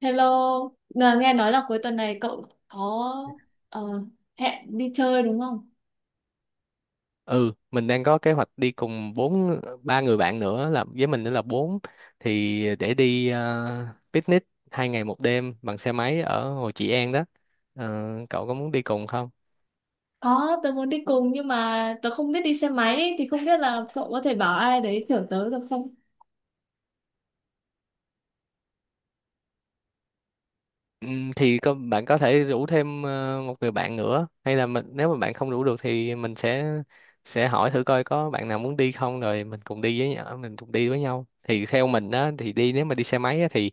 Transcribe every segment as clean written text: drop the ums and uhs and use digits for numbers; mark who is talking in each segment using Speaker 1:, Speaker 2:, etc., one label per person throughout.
Speaker 1: Hello, nghe nói là cuối tuần này cậu có ờ, hẹn đi chơi đúng không?
Speaker 2: Ừ, mình đang có kế hoạch đi cùng bốn ba người bạn nữa, là với mình nữa là bốn, thì để đi picnic 2 ngày 1 đêm bằng xe máy ở Hồ Trị An đó. Ờ, Cậu có muốn đi cùng không?
Speaker 1: Có, tớ muốn đi cùng nhưng mà tớ không biết đi xe máy ấy, thì không biết là cậu có thể bảo ai đấy chở tớ được không?
Speaker 2: Thì có, bạn có thể rủ thêm một người bạn nữa, hay là mình nếu mà bạn không rủ được thì mình sẽ hỏi thử coi có bạn nào muốn đi không, rồi mình cùng đi với nhau mình cùng đi với nhau. Thì theo mình á thì đi, nếu mà đi xe máy á, thì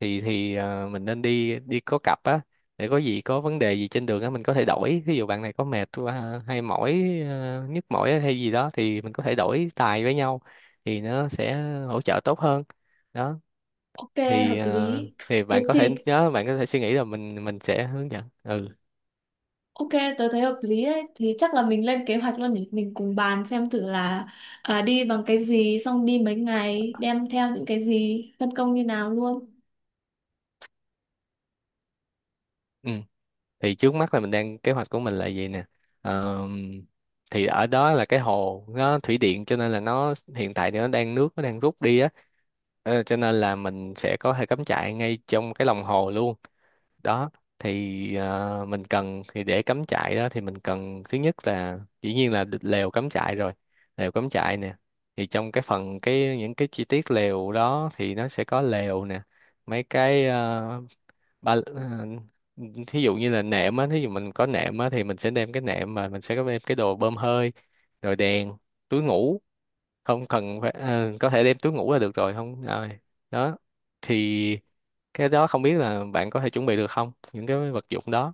Speaker 2: thì thì ờ, mình nên đi đi có cặp á, để có gì, có vấn đề gì trên đường á mình có thể đổi. Ví dụ bạn này có mệt quá, hay mỏi, nhức mỏi hay gì đó thì mình có thể đổi tài với nhau, thì nó sẽ hỗ trợ tốt hơn đó.
Speaker 1: Ok,
Speaker 2: thì
Speaker 1: hợp
Speaker 2: ờ,
Speaker 1: lý.
Speaker 2: thì
Speaker 1: Thế
Speaker 2: bạn có thể
Speaker 1: thì
Speaker 2: nhớ, bạn có thể suy nghĩ là mình sẽ hướng dẫn. Ừ,
Speaker 1: ok, tớ thấy hợp lý đấy. Thì chắc là mình lên kế hoạch luôn nhỉ. Mình cùng bàn xem thử là đi bằng cái gì, xong đi mấy ngày, đem theo những cái gì, phân công như nào luôn.
Speaker 2: ừ. Thì trước mắt là mình đang, kế hoạch của mình là gì nè. Ờ, thì ở đó là cái hồ nó thủy điện, cho nên là nó hiện tại thì nó đang, nước nó đang rút đi á. Cho nên là mình sẽ có thể cắm trại ngay trong cái lòng hồ luôn đó. Thì mình cần, thì để cắm trại đó thì mình cần thứ nhất là dĩ nhiên là lều cắm trại rồi, lều cắm trại nè. Thì trong cái phần, cái những cái chi tiết lều đó thì nó sẽ có lều nè, mấy cái ba ờ, thí dụ như là nệm á, thí dụ mình có nệm á thì mình sẽ đem cái nệm, mà mình sẽ có đem cái đồ bơm hơi, rồi đèn, túi ngủ, không cần phải có thể đem túi ngủ là được rồi. Không rồi đó. Thì cái đó không biết là bạn có thể chuẩn bị được không, những cái vật dụng đó.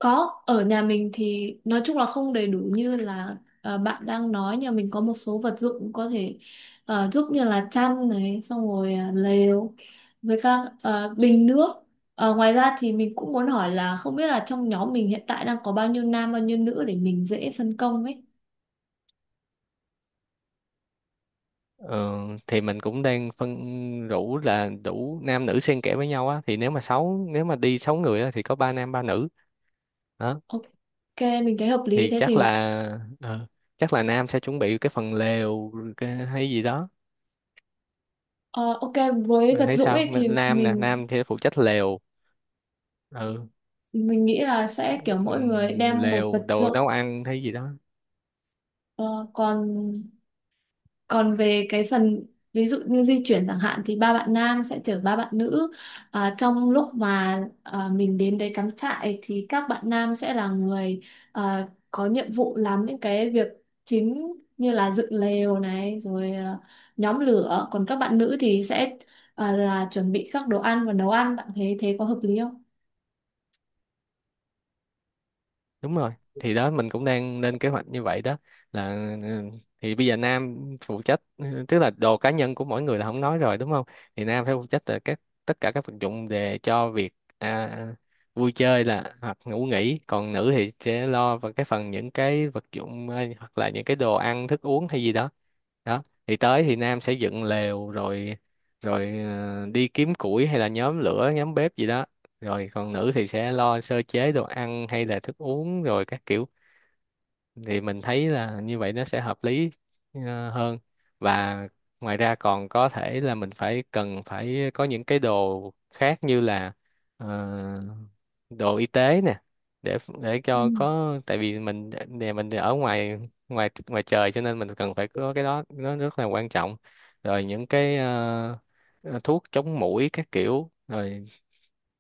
Speaker 1: Có, ở nhà mình thì nói chung là không đầy đủ như là bạn đang nói nhà mình có một số vật dụng có thể giúp như là chăn này, xong rồi lều với các bình nước. Ngoài ra thì mình cũng muốn hỏi là không biết là trong nhóm mình hiện tại đang có bao nhiêu nam bao nhiêu nữ để mình dễ phân công ấy.
Speaker 2: Ờ, thì mình cũng đang phân, rủ là đủ nam nữ xen kẽ với nhau á, thì nếu mà sáu, nếu mà đi sáu người á, thì có ba nam ba nữ đó.
Speaker 1: Ok, mình thấy hợp lý
Speaker 2: Thì
Speaker 1: thế thì
Speaker 2: ờ, chắc là nam sẽ chuẩn bị cái phần lều, cái hay gì đó.
Speaker 1: ờ, ok với
Speaker 2: Bạn
Speaker 1: vật
Speaker 2: thấy
Speaker 1: dụng
Speaker 2: sao?
Speaker 1: ấy thì
Speaker 2: Mình nam nè,
Speaker 1: mình
Speaker 2: nam thì phụ trách lều. Ừ.
Speaker 1: mình nghĩ là sẽ kiểu mỗi người đem một
Speaker 2: Lều,
Speaker 1: vật
Speaker 2: đồ
Speaker 1: dụng.
Speaker 2: nấu ăn hay gì đó.
Speaker 1: Ờ, còn Còn về cái phần ví dụ như di chuyển chẳng hạn thì ba bạn nam sẽ chở ba bạn nữ. À, trong lúc mà mình đến đấy cắm trại thì các bạn nam sẽ là người có nhiệm vụ làm những cái việc chính như là dựng lều này rồi nhóm lửa. Còn các bạn nữ thì sẽ là chuẩn bị các đồ ăn và nấu ăn. Bạn thấy thế có hợp lý không?
Speaker 2: Đúng rồi, thì đó mình cũng đang lên kế hoạch như vậy đó, là ừ, thì bây giờ nam phụ trách, tức là đồ cá nhân của mỗi người là không nói rồi, đúng không? Thì nam phải phụ trách là các, tất cả các vật dụng để cho việc, à, vui chơi là hoặc ngủ nghỉ, còn nữ thì sẽ lo vào cái phần những cái vật dụng, hoặc là những cái đồ ăn thức uống hay gì đó đó. Thì tới thì nam sẽ dựng lều rồi, rồi đi kiếm củi hay là nhóm lửa, nhóm bếp gì đó. Rồi còn nữ thì sẽ lo sơ chế đồ ăn hay là thức uống rồi các kiểu. Thì mình thấy là như vậy nó sẽ hợp lý hơn. Và ngoài ra còn có thể là mình phải, cần phải có những cái đồ khác như là ờ, đồ y tế nè, để
Speaker 1: Ừ.
Speaker 2: cho có, tại vì mình, nhà mình thì ở ngoài, ngoài trời cho nên mình cần phải có cái đó, nó rất là quan trọng. Rồi những cái thuốc chống muỗi các kiểu rồi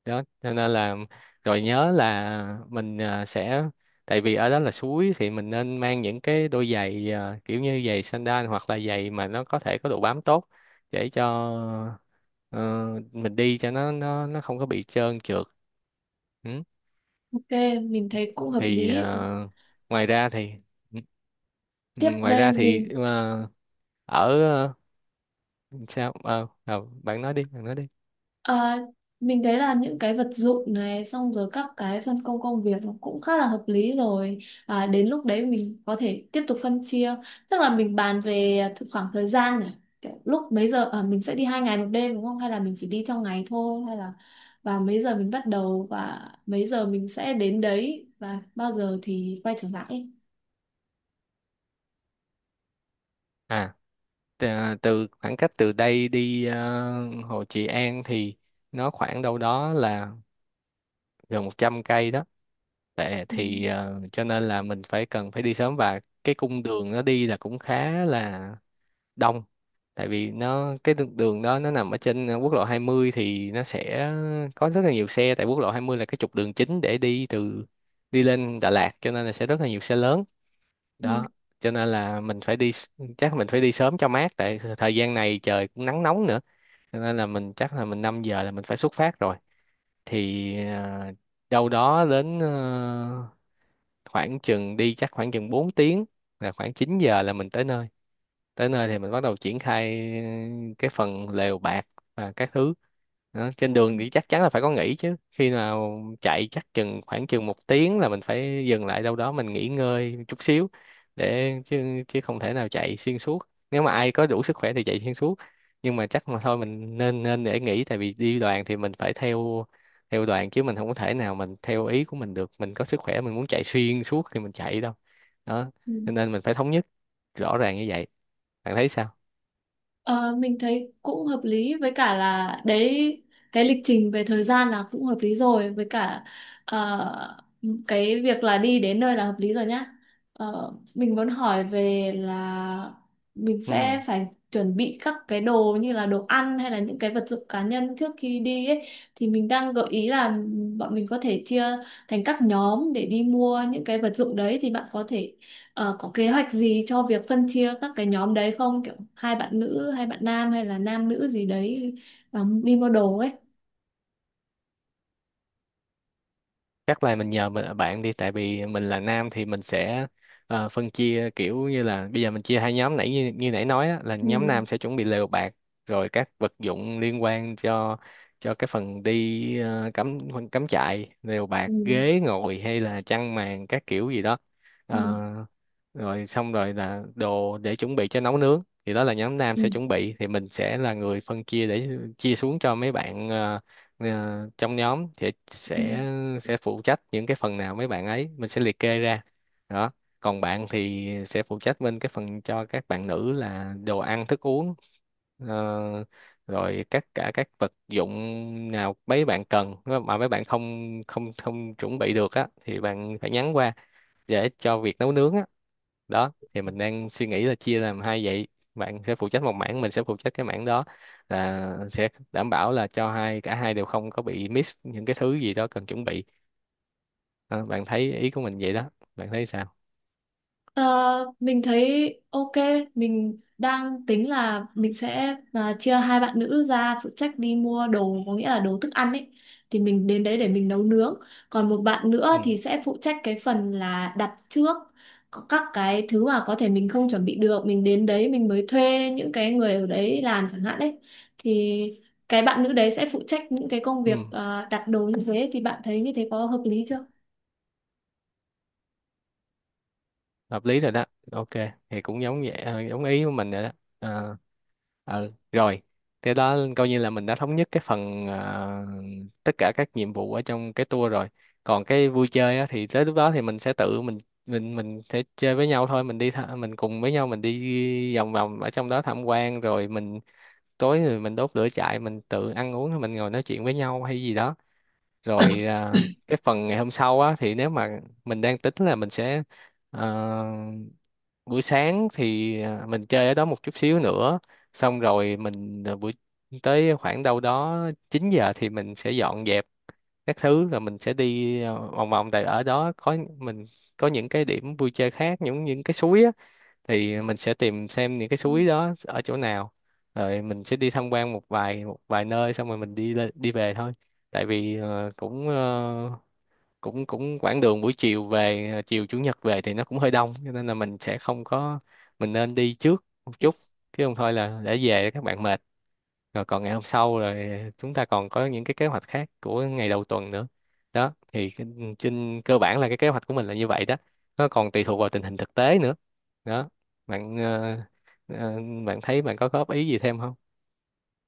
Speaker 2: đó, cho nên là rồi nhớ là mình sẽ, tại vì ở đó là suối thì mình nên mang những cái đôi giày, kiểu như giày sandal, hoặc là giày mà nó có thể có độ bám tốt, để cho ờ, mình đi cho nó, nó không có bị trơn trượt. Ừ.
Speaker 1: Ok, mình thấy cũng hợp
Speaker 2: thì
Speaker 1: lý.
Speaker 2: ờ, thì
Speaker 1: Tiếp
Speaker 2: ngoài
Speaker 1: đây
Speaker 2: ra thì,
Speaker 1: mình
Speaker 2: ở ờ, sao? Ờ, Bạn nói đi, bạn nói đi.
Speaker 1: Ờ, Mình thấy là những cái vật dụng này xong rồi các cái phân công công việc nó cũng khá là hợp lý rồi đến lúc đấy mình có thể tiếp tục phân chia tức là mình bàn về khoảng thời gian này. Kiểu lúc mấy giờ mình sẽ đi 2 ngày 1 đêm đúng không, hay là mình chỉ đi trong ngày thôi, hay là và mấy giờ mình bắt đầu và mấy giờ mình sẽ đến đấy và bao giờ thì quay trở lại ấy.
Speaker 2: à Từ khoảng cách từ đây đi Hồ Trị An thì nó khoảng đâu đó là gần 100 cây đó. Tệ
Speaker 1: Ừ.
Speaker 2: thì, cho nên là mình phải, cần phải đi sớm, và cái cung đường nó đi là cũng khá là đông. Tại vì nó, cái đường đường đó nó nằm ở trên quốc lộ 20 thì nó sẽ có rất là nhiều xe, tại quốc lộ 20 là cái trục đường chính để đi từ, đi lên Đà Lạt, cho nên là sẽ rất là nhiều xe lớn đó. Cho nên là mình phải chắc mình phải đi sớm cho mát, tại thời gian này trời cũng nắng nóng nữa, cho nên là mình, chắc là mình 5 giờ là mình phải xuất phát rồi. Thì đâu đó đến, khoảng chừng đi chắc khoảng chừng 4 tiếng là khoảng 9 giờ là mình tới nơi. Tới nơi thì mình bắt đầu triển khai cái phần lều bạt và các thứ đó. Trên đường thì chắc chắn là phải có nghỉ chứ, khi nào chạy chắc chừng khoảng chừng 1 tiếng là mình phải dừng lại đâu đó, mình nghỉ ngơi chút xíu, để chứ chứ không thể nào chạy xuyên suốt. Nếu mà ai có đủ sức khỏe thì chạy xuyên suốt, nhưng mà chắc mà thôi mình nên, để nghỉ, tại vì đi đoàn thì mình phải theo, đoàn chứ mình không có thể nào mình theo ý của mình được. Mình có sức khỏe mình muốn chạy xuyên suốt thì mình chạy, đâu đó.
Speaker 1: Ừ.
Speaker 2: Cho nên mình phải thống nhất rõ ràng như vậy. Bạn thấy sao?
Speaker 1: Ờ, mình thấy cũng hợp lý với cả là đấy cái lịch trình về thời gian là cũng hợp lý rồi, với cả ờ, cái việc là đi đến nơi là hợp lý rồi nhá. Mình muốn hỏi về là mình
Speaker 2: Ừ.
Speaker 1: sẽ phải chuẩn bị các cái đồ như là đồ ăn hay là những cái vật dụng cá nhân trước khi đi ấy, thì mình đang gợi ý là bọn mình có thể chia thành các nhóm để đi mua những cái vật dụng đấy. Thì bạn có thể có kế hoạch gì cho việc phân chia các cái nhóm đấy không? Kiểu hai bạn nữ, hai bạn nam hay là nam nữ gì đấy đi mua đồ ấy.
Speaker 2: Chắc là mình nhờ mình, bạn đi, tại vì mình là nam thì mình sẽ phân chia, kiểu như là bây giờ mình chia hai nhóm, như nãy nói á, là nhóm
Speaker 1: Ừ.
Speaker 2: nam sẽ chuẩn bị lều bạt, rồi các vật dụng liên quan cho cái phần đi, ờ, cắm cắm trại, lều bạt,
Speaker 1: Ừ.
Speaker 2: ghế ngồi hay là chăn màn các kiểu gì đó. Ờ,
Speaker 1: Ừ.
Speaker 2: Rồi xong rồi là đồ để chuẩn bị cho nấu nướng, thì đó là nhóm nam sẽ
Speaker 1: Ừ.
Speaker 2: chuẩn bị. Thì mình sẽ là người phân chia để chia xuống cho mấy bạn, Ờ, trong nhóm sẽ
Speaker 1: Ừ.
Speaker 2: sẽ sẽ phụ trách những cái phần nào, mấy bạn ấy mình sẽ liệt kê ra đó. Còn bạn thì sẽ phụ trách bên cái phần cho các bạn nữ là đồ ăn thức uống, ờ, rồi các, cả các vật dụng nào mấy bạn cần. Nếu mà mấy bạn không không không chuẩn bị được á thì bạn phải nhắn qua, để cho việc nấu nướng á đó. Thì mình đang suy nghĩ là chia làm hai vậy, bạn sẽ phụ trách một mảng, mình sẽ phụ trách cái mảng đó, là sẽ đảm bảo là cho hai, cả hai đều không có bị miss những cái thứ gì đó cần chuẩn bị. Ờ, Bạn thấy ý của mình vậy đó. Bạn thấy sao?
Speaker 1: Ờ, mình thấy ok, mình đang tính là mình sẽ chia hai bạn nữ ra phụ trách đi mua đồ, có nghĩa là đồ thức ăn ấy. Thì mình đến đấy để mình nấu nướng. Còn một bạn
Speaker 2: Ừ.
Speaker 1: nữa thì sẽ phụ trách cái phần là đặt trước có các cái thứ mà có thể mình không chuẩn bị được. Mình đến đấy mình mới thuê những cái người ở đấy làm chẳng hạn đấy. Thì cái bạn nữ đấy sẽ phụ trách những cái công
Speaker 2: Ừ.
Speaker 1: việc đặt đồ như thế. Thì bạn thấy như thế có hợp lý chưa?
Speaker 2: Hợp lý rồi đó, ok. Thì cũng giống vậy, giống ý của mình rồi đó. Ờ, Rồi. Thế đó, coi như là mình đã thống nhất cái phần tất cả các nhiệm vụ ở trong cái tour rồi. Còn cái vui chơi á, thì tới lúc đó thì mình sẽ tự mình, mình sẽ chơi với nhau thôi, mình đi mình cùng với nhau, mình đi vòng vòng ở trong đó tham quan. Rồi mình tối rồi mình đốt lửa trại, mình tự ăn uống, rồi mình ngồi nói chuyện với nhau hay gì đó. Rồi cái phần ngày hôm sau á thì nếu mà mình đang tính là mình sẽ, ờ, buổi sáng thì mình chơi ở đó một chút xíu nữa, xong rồi mình buổi, tới khoảng đâu đó 9 giờ thì mình sẽ dọn dẹp các thứ, rồi mình sẽ đi vòng vòng. Tại ở đó có mình, có những cái điểm vui chơi khác, những cái suối á, thì mình sẽ tìm xem những cái suối đó ở chỗ nào, rồi mình sẽ đi tham quan một vài nơi, xong rồi mình đi đi về thôi. Tại vì cũng, ờ, cũng cũng quãng đường buổi chiều về, chiều chủ nhật về thì nó cũng hơi đông, cho nên là mình sẽ không có, mình nên đi trước một chút, chứ không thôi là để về các bạn mệt, rồi còn ngày hôm sau rồi chúng ta còn có những cái kế hoạch khác của ngày đầu tuần nữa đó. Thì trên cơ bản là cái kế hoạch của mình là như vậy đó, nó còn tùy thuộc vào tình hình thực tế nữa đó. bạn ờ, ờ, Bạn thấy, bạn có góp ý gì thêm không?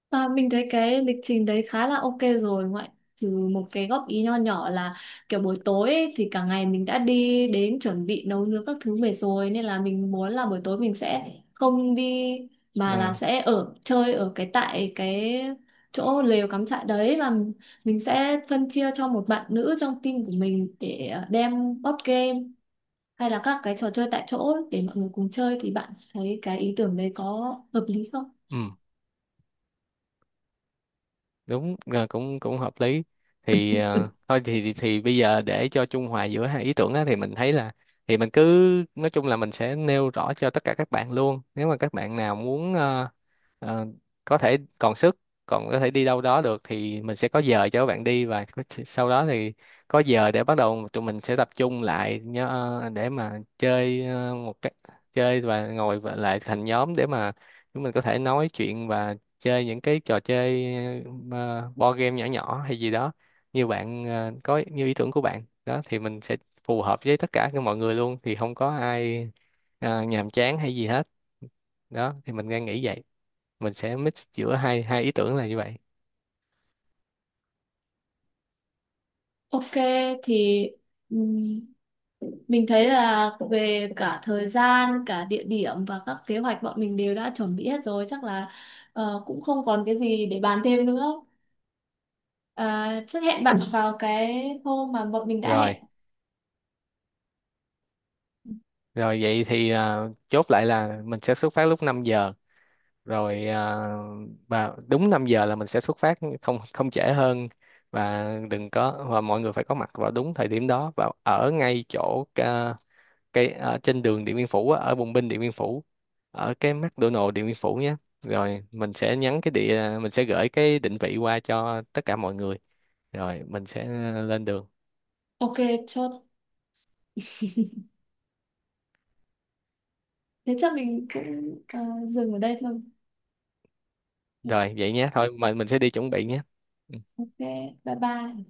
Speaker 1: À, mình thấy cái lịch trình đấy khá là ok rồi, ngoại trừ một cái góp ý nho nhỏ là kiểu buổi tối ấy, thì cả ngày mình đã đi đến chuẩn bị nấu nướng các thứ về rồi nên là mình muốn là buổi tối mình sẽ không đi mà là
Speaker 2: Ờ,
Speaker 1: sẽ ở chơi ở cái tại cái chỗ lều cắm trại đấy, và mình sẽ phân chia cho một bạn nữ trong team của mình để đem board game hay là các cái trò chơi tại chỗ để mọi người cùng chơi. Thì bạn thấy cái ý tưởng đấy có hợp lý không?
Speaker 2: ừ, đúng, cũng cũng hợp lý. Thì thôi thì bây giờ, để cho trung hòa giữa hai ý tưởng á, thì mình thấy là, thì mình cứ, nói chung là mình sẽ nêu rõ cho tất cả các bạn luôn, nếu mà các bạn nào muốn ờ, có thể còn sức, còn có thể đi đâu đó được thì mình sẽ có giờ cho các bạn đi, và sau đó thì có giờ để bắt đầu tụi mình sẽ tập trung lại. Nhớ, để mà chơi, ờ, một cái chơi và ngồi và lại thành nhóm để mà chúng mình có thể nói chuyện và chơi những cái trò chơi, board game nhỏ nhỏ hay gì đó, như bạn ờ, có như ý tưởng của bạn đó thì mình sẽ phù hợp với tất cả các mọi người luôn, thì không có ai nhàm chán hay gì hết đó. Thì mình đang nghĩ vậy, mình sẽ mix giữa hai hai ý tưởng là như vậy.
Speaker 1: Ok, thì ừm, mình thấy là về cả thời gian, cả địa điểm và các kế hoạch bọn mình đều đã chuẩn bị hết rồi, chắc là cũng không còn cái gì để bàn thêm nữa. À, chắc hẹn bạn vào cái hôm mà bọn mình đã hẹn.
Speaker 2: Rồi Rồi vậy thì chốt lại là mình sẽ xuất phát lúc 5 giờ. Rồi và đúng 5 giờ là mình sẽ xuất phát, không không trễ hơn, và đừng có và mọi người phải có mặt vào đúng thời điểm đó, và ở ngay chỗ, ờ, cái ở trên đường Điện Biên Phủ á, ở Bùng Binh Điện Biên Phủ, ở cái McDonald Điện Biên Phủ nhé. Rồi mình sẽ nhắn cái địa mình sẽ gửi cái định vị qua cho tất cả mọi người, rồi mình sẽ lên đường.
Speaker 1: Ok, chốt. Thế chắc mình cũng dừng ở đây thôi.
Speaker 2: Rồi vậy nhé, thôi mình sẽ đi chuẩn bị nhé.
Speaker 1: Ok, bye bye.